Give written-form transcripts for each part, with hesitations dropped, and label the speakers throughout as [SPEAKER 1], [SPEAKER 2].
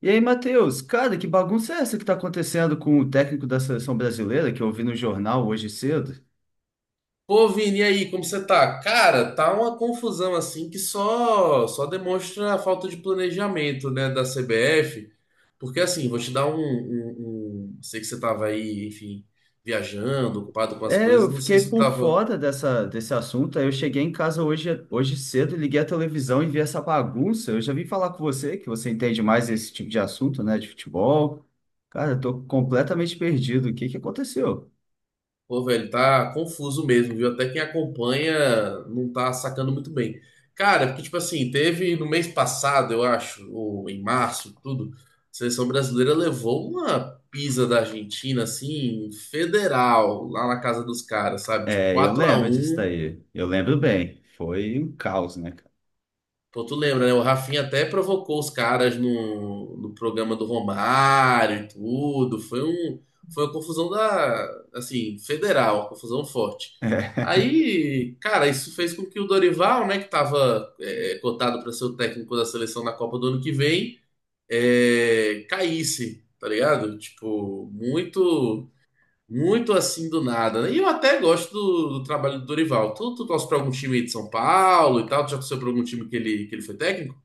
[SPEAKER 1] E aí, Matheus, cara, que bagunça é essa que tá acontecendo com o técnico da seleção brasileira, que eu vi no jornal hoje cedo?
[SPEAKER 2] Pô, Vini, e aí, como você tá? Cara, tá uma confusão assim que só demonstra a falta de planejamento, né, da CBF. Porque assim, vou te dar sei que você tava aí, enfim, viajando, ocupado com as
[SPEAKER 1] É,
[SPEAKER 2] coisas.
[SPEAKER 1] eu
[SPEAKER 2] Não sei
[SPEAKER 1] fiquei
[SPEAKER 2] se tu
[SPEAKER 1] por
[SPEAKER 2] tava.
[SPEAKER 1] fora desse assunto, aí eu cheguei em casa hoje, hoje cedo, liguei a televisão e vi essa bagunça. Eu já vim falar com você, que você entende mais desse tipo de assunto, né, de futebol. Cara, eu tô completamente perdido. O que que aconteceu?
[SPEAKER 2] Pô, velho, tá confuso mesmo, viu? Até quem acompanha não tá sacando muito bem. Cara, porque, tipo assim, teve no mês passado, eu acho, ou em março, tudo, a seleção brasileira levou uma pisa da Argentina, assim, federal, lá na casa dos caras, sabe? Tipo,
[SPEAKER 1] É, eu lembro disso
[SPEAKER 2] 4x1.
[SPEAKER 1] daí. Eu lembro bem. Foi um caos, né, cara?
[SPEAKER 2] Pô, tu lembra, né? O Rafinha até provocou os caras no programa do Romário e tudo. Foi uma confusão da, assim, federal, uma confusão forte. Aí, cara, isso fez com que o Dorival, né, que tava cotado para ser o técnico da seleção na Copa do ano que vem, caísse, tá ligado? Tipo, Muito assim do nada, né? E eu até gosto do trabalho do Dorival. Tu torce pra algum time aí de São Paulo e tal? Tu já torceu pra algum time que ele foi técnico?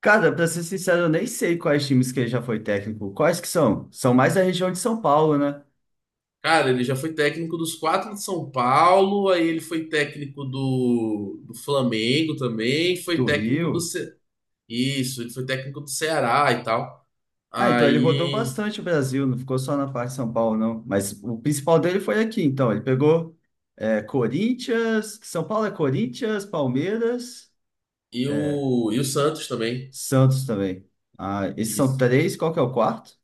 [SPEAKER 1] Cara, pra ser sincero, eu nem sei quais times que ele já foi técnico. Quais que são? São mais da região de São Paulo, né?
[SPEAKER 2] Cara, ele já foi técnico dos quatro de São Paulo, aí ele foi técnico do Flamengo também, foi
[SPEAKER 1] Do
[SPEAKER 2] técnico do.
[SPEAKER 1] Rio.
[SPEAKER 2] Isso, ele foi técnico do Ceará e tal.
[SPEAKER 1] Ah, então ele rodou
[SPEAKER 2] Aí.
[SPEAKER 1] bastante o Brasil, não ficou só na parte de São Paulo, não. Mas o principal dele foi aqui, então. Ele pegou Corinthians, São Paulo é Corinthians, Palmeiras,
[SPEAKER 2] E
[SPEAKER 1] é,
[SPEAKER 2] o, e o Santos também.
[SPEAKER 1] Santos também. Ah, esses são
[SPEAKER 2] Isso.
[SPEAKER 1] três, qual que é o quarto?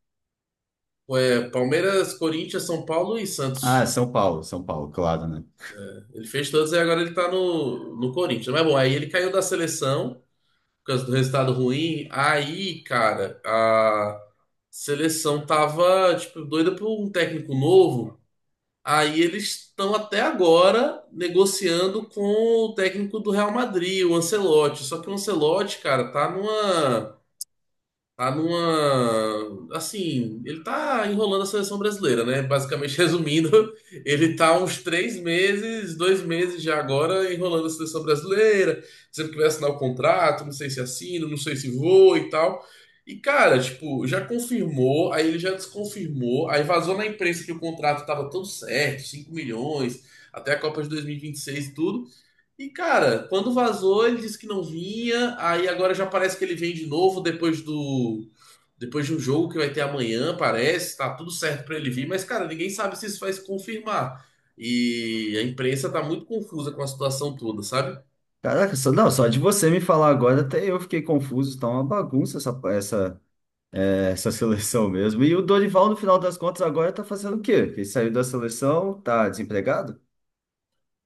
[SPEAKER 2] Foi Palmeiras, Corinthians, São Paulo e
[SPEAKER 1] Ah,
[SPEAKER 2] Santos.
[SPEAKER 1] São Paulo, São Paulo, claro, né?
[SPEAKER 2] Ele fez todos e agora ele tá no Corinthians. Mas bom, aí ele caiu da seleção por causa do resultado ruim. Aí, cara, a seleção tava, tipo, doida por um técnico novo. Aí eles estão até agora negociando com o técnico do Real Madrid, o Ancelotti. Só que o Ancelotti, cara, tá numa Tá numa. Assim, ele tá enrolando a seleção brasileira, né? Basicamente, resumindo, ele tá há uns três meses, dois meses já agora, enrolando a seleção brasileira, sempre que vai assinar o contrato, não sei se assina, não sei se vou e tal. E, cara, tipo, já confirmou, aí ele já desconfirmou, aí vazou na imprensa que o contrato tava todo certo, 5 milhões, até a Copa de 2026 e vinte e seis e tudo. E, cara, quando vazou, ele disse que não vinha. Aí agora já parece que ele vem de novo depois do. depois de um jogo que vai ter amanhã, parece. Tá tudo certo pra ele vir. Mas, cara, ninguém sabe se isso vai se confirmar. E a imprensa tá muito confusa com a situação toda, sabe?
[SPEAKER 1] Caraca, só, não, só de você me falar agora, até eu fiquei confuso, tá uma bagunça essa, essa seleção mesmo. E o Dorival, no final das contas, agora tá fazendo o quê? Ele saiu da seleção, tá desempregado?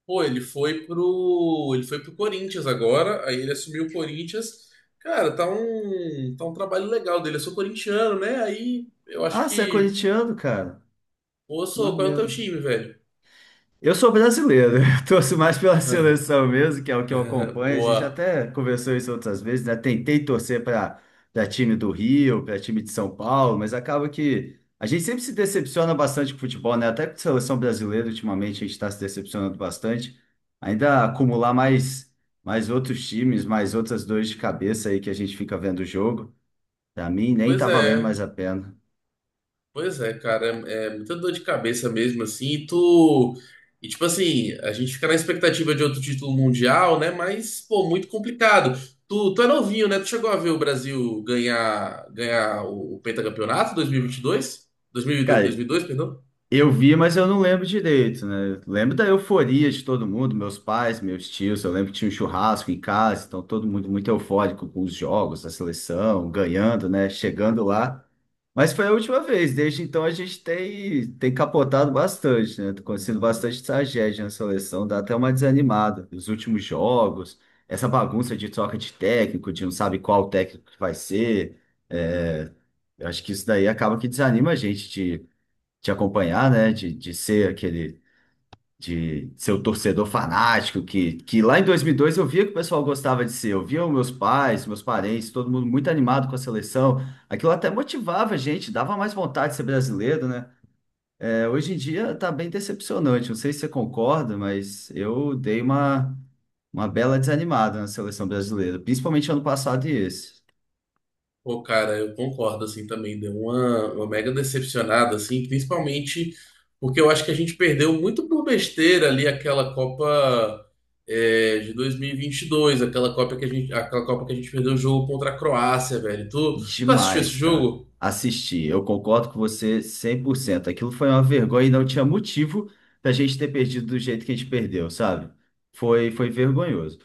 [SPEAKER 2] Pô, Ele foi pro Corinthians agora. Aí ele assumiu o Corinthians. Cara, Tá um trabalho legal dele. Eu sou corintiano, né? Aí eu acho
[SPEAKER 1] Ah, você é
[SPEAKER 2] que.
[SPEAKER 1] corintiano, cara.
[SPEAKER 2] Ô,
[SPEAKER 1] Que
[SPEAKER 2] sou, qual é o teu
[SPEAKER 1] maneiro.
[SPEAKER 2] time, velho?
[SPEAKER 1] Eu sou brasileiro, eu torço mais pela seleção mesmo, que é o que eu acompanho. A gente
[SPEAKER 2] Boa.
[SPEAKER 1] até conversou isso outras vezes, né? Tentei torcer para time do Rio, para time de São Paulo, mas acaba que a gente sempre se decepciona bastante com o futebol, né? Até com a seleção brasileira, ultimamente, a gente está se decepcionando bastante. Ainda acumular mais, mais outros times, mais outras dores de cabeça aí que a gente fica vendo o jogo, para mim nem
[SPEAKER 2] Pois
[SPEAKER 1] tá valendo mais
[SPEAKER 2] é.
[SPEAKER 1] a pena.
[SPEAKER 2] Pois é, cara, é muita dor de cabeça mesmo, assim, e tu. E tipo assim, a gente fica na expectativa de outro título mundial, né? Mas, pô, muito complicado. Tu é novinho, né? Tu chegou a ver o Brasil ganhar o pentacampeonato 2022? 2002, dois dois
[SPEAKER 1] Cara,
[SPEAKER 2] mil e dois, dois mil e dois, perdão?
[SPEAKER 1] eu vi, mas eu não lembro direito, né? Eu lembro da euforia de todo mundo, meus pais, meus tios. Eu lembro que tinha um churrasco em casa, então todo mundo muito eufórico com os jogos, a seleção, ganhando, né? Chegando lá. Mas foi a última vez, desde então a gente tem, tem capotado bastante, né? Tá acontecendo bastante tragédia na seleção, dá até uma desanimada. Os últimos jogos, essa bagunça de troca de técnico, de não sabe qual técnico que vai ser. é, eu acho que isso daí acaba que desanima a gente te acompanhar, né? De ser aquele, de ser o torcedor fanático que lá em 2002 eu via que o pessoal gostava de ser. Eu via os meus pais, meus parentes, todo mundo muito animado com a seleção. Aquilo até motivava a gente, dava mais vontade de ser brasileiro, né? É, hoje em dia tá bem decepcionante. Não sei se você concorda, mas eu dei uma bela desanimada na seleção brasileira, principalmente ano passado e esse.
[SPEAKER 2] Pô, cara, eu concordo, assim, também. Deu uma mega decepcionada, assim, principalmente porque eu acho que a gente perdeu muito por besteira ali aquela Copa de 2022, aquela Copa que a gente, aquela Copa que a gente perdeu o jogo contra a Croácia, velho. Tu assistiu esse
[SPEAKER 1] Demais, cara.
[SPEAKER 2] jogo?
[SPEAKER 1] Assisti. Eu concordo com você cem por cento. Aquilo foi uma vergonha e não tinha motivo da gente ter perdido do jeito que a gente perdeu, sabe? Foi vergonhoso.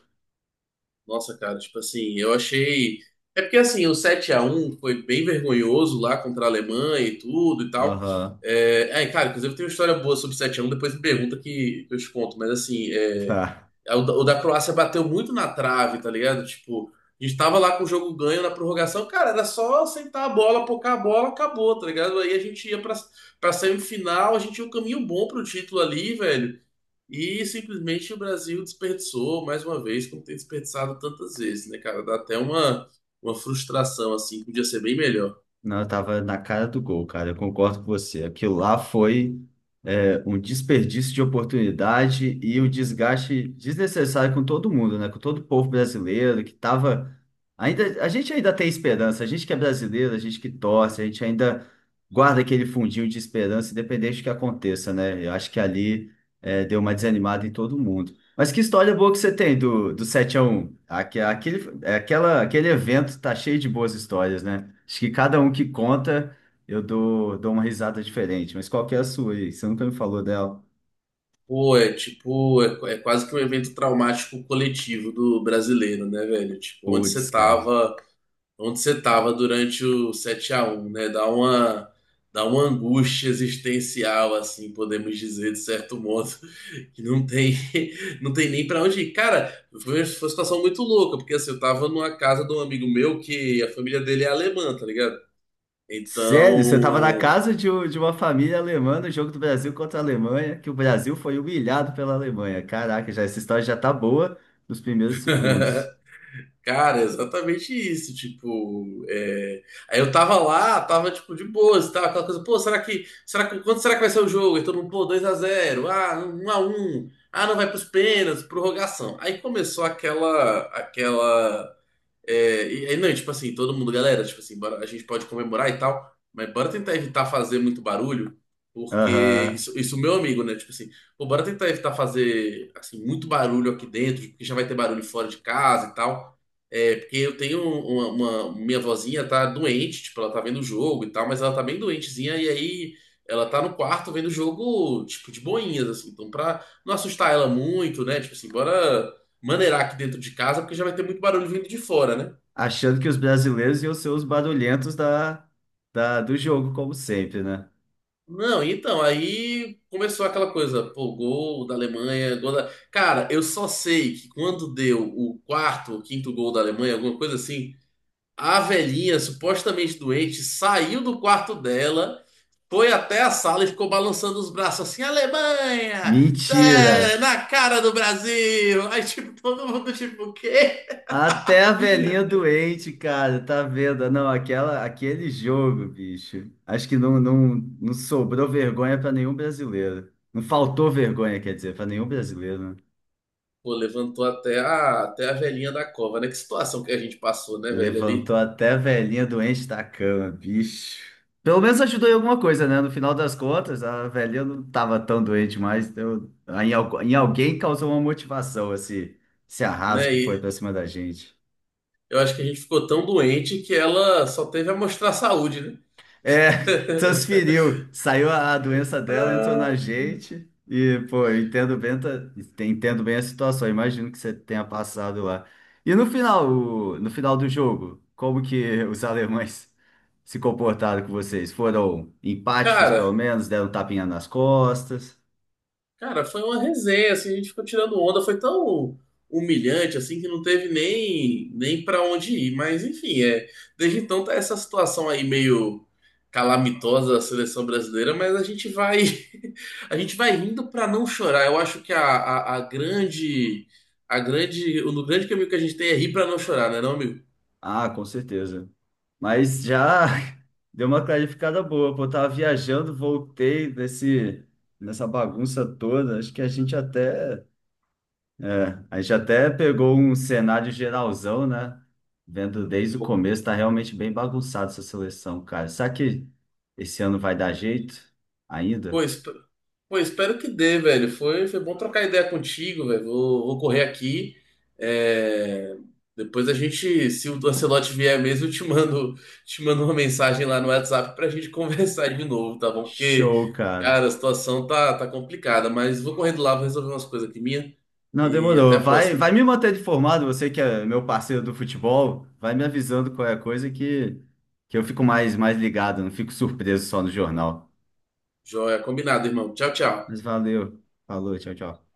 [SPEAKER 2] Nossa, cara, tipo assim, eu achei. É porque assim, o 7-1 foi bem vergonhoso lá contra a Alemanha e tudo e tal.
[SPEAKER 1] Aham.
[SPEAKER 2] É, cara, inclusive tem uma história boa sobre 7-1, depois me pergunta que eu te conto. Mas assim,
[SPEAKER 1] Tá.
[SPEAKER 2] o da Croácia bateu muito na trave, tá ligado? Tipo, a gente tava lá com o jogo ganho na prorrogação, cara, era só sentar a bola, pocar a bola, acabou, tá ligado? Aí a gente ia pra semifinal, a gente tinha um caminho bom pro título ali, velho. E simplesmente o Brasil desperdiçou mais uma vez, como tem desperdiçado tantas vezes, né, cara? Dá até uma frustração, assim, que podia ser bem melhor.
[SPEAKER 1] Não, eu tava na cara do gol, cara. Eu concordo com você. Aquilo lá foi um desperdício de oportunidade e o desgaste desnecessário com todo mundo, né? Com todo o povo brasileiro que tava ainda, a gente ainda tem esperança, a gente que é brasileiro, a gente que torce, a gente ainda guarda aquele fundinho de esperança, independente do que aconteça, né? Eu acho que ali deu uma desanimada em todo mundo. Mas que história boa que você tem do, do 7x1. Aquele, aquela, aquele evento tá cheio de boas histórias, né? Acho que cada um que conta eu dou, dou uma risada diferente, mas qual que é a sua aí? Você nunca me falou dela.
[SPEAKER 2] Pô, é tipo, é quase que um evento traumático coletivo do brasileiro, né, velho? Tipo, onde você
[SPEAKER 1] Putz, cara.
[SPEAKER 2] tava, onde você tava durante o 7-1, né? Dá uma angústia existencial, assim, podemos dizer, de certo modo, que não tem, não tem nem pra onde ir. Cara, foi uma situação muito louca, porque assim, eu tava numa casa de um amigo meu que a família dele é alemã, tá ligado?
[SPEAKER 1] Sério? Você tava na
[SPEAKER 2] Então,
[SPEAKER 1] casa de, de uma família alemã no jogo do Brasil contra a Alemanha, que o Brasil foi humilhado pela Alemanha. Caraca, já, essa história já tá boa nos primeiros segundos.
[SPEAKER 2] cara, é exatamente isso, tipo, é. Aí eu tava lá, tava, tipo, de boas, tava aquela coisa, pô, quanto será que vai ser o jogo? E todo mundo, pô, 2-0, 1-1, não vai pros pênaltis, prorrogação. Aí começou aquela, aquela e aí, não, tipo assim, todo mundo, galera, tipo assim, a gente pode comemorar e tal, mas bora tentar evitar fazer muito barulho, porque
[SPEAKER 1] Aham.
[SPEAKER 2] isso meu amigo, né? Tipo assim, pô, bora tentar evitar fazer, assim, muito barulho aqui dentro, porque já vai ter barulho fora de casa e tal. É, porque eu tenho uma minha vozinha tá doente, tipo, ela tá vendo o jogo e tal, mas ela tá bem doentezinha, e aí ela tá no quarto vendo o jogo, tipo, de boinhas, assim, então pra não assustar ela muito, né? Tipo assim, bora maneirar aqui dentro de casa, porque já vai ter muito barulho vindo de fora, né?
[SPEAKER 1] Achando que os brasileiros iam ser os barulhentos da, da, do jogo, como sempre, né?
[SPEAKER 2] Não, então, aí começou aquela coisa, pô, gol da Alemanha, gol da. Cara, eu só sei que quando deu o quarto ou quinto gol da Alemanha, alguma coisa assim, a velhinha, supostamente doente, saiu do quarto dela, foi até a sala e ficou balançando os braços assim, Alemanha! Tá
[SPEAKER 1] Mentira!
[SPEAKER 2] na cara do Brasil! Aí, tipo, todo mundo, tipo, o quê?
[SPEAKER 1] Até a velhinha doente, cara, tá vendo? Não, aquela, aquele jogo, bicho. Acho que não, não, não sobrou vergonha pra nenhum brasileiro. Não faltou vergonha, quer dizer, pra nenhum brasileiro, né?
[SPEAKER 2] Pô, levantou até até a velhinha da cova, né? Que situação que a gente passou, né, velho, ali,
[SPEAKER 1] Levantou até a velhinha doente da cama, bicho. Pelo menos ajudou em alguma coisa, né? No final das contas, a velhinha não tava tão doente mais. Então, em, em alguém causou uma motivação esse, esse
[SPEAKER 2] né?
[SPEAKER 1] arraso que foi
[SPEAKER 2] E
[SPEAKER 1] pra cima da gente.
[SPEAKER 2] eu acho que a gente ficou tão doente que ela só teve a mostrar saúde, né?
[SPEAKER 1] É, transferiu, saiu a doença dela, entrou na
[SPEAKER 2] Ah,
[SPEAKER 1] gente. E, pô, eu entendo bem, entendo bem a situação. Eu imagino que você tenha passado lá. E no final, no final do jogo, como que os alemães se comportaram com vocês? Foram empáticos, pelo
[SPEAKER 2] Cara,
[SPEAKER 1] menos, deram um tapinha nas costas?
[SPEAKER 2] Cara, foi uma resenha, assim, a gente ficou tirando onda, foi tão humilhante, assim, que não teve nem para onde ir. Mas, enfim, desde então tá essa situação aí meio calamitosa da seleção brasileira, mas a gente vai, a gente vai rindo para não chorar. Eu acho que o grande caminho que a gente tem é rir para não chorar, né, não, amigo?
[SPEAKER 1] Ah, com certeza. Mas já deu uma clarificada boa, pô, eu tava viajando, voltei desse, nessa bagunça toda, acho que a gente até. É, a gente até pegou um cenário geralzão, né? Vendo desde o começo, tá realmente bem bagunçado essa seleção, cara. Será que esse ano vai dar jeito
[SPEAKER 2] Pô,
[SPEAKER 1] ainda?
[SPEAKER 2] esp- pô, espero que dê, velho. Foi bom trocar ideia contigo, velho. Vou correr aqui. É, Depois a gente, se o Ancelotti vier mesmo, eu te mando uma mensagem lá no WhatsApp pra gente conversar de novo, tá bom? Porque,
[SPEAKER 1] Show, cara.
[SPEAKER 2] cara, a situação tá complicada, mas vou correndo lá, vou resolver umas coisas aqui minha
[SPEAKER 1] Não,
[SPEAKER 2] e até
[SPEAKER 1] demorou.
[SPEAKER 2] a
[SPEAKER 1] Vai,
[SPEAKER 2] próxima.
[SPEAKER 1] vai me manter informado, você que é meu parceiro do futebol, vai me avisando qual é a coisa que eu fico mais, mais ligado, não fico surpreso só no jornal.
[SPEAKER 2] Joia, combinado, irmão. Tchau, tchau.
[SPEAKER 1] Mas valeu. Falou, tchau, tchau.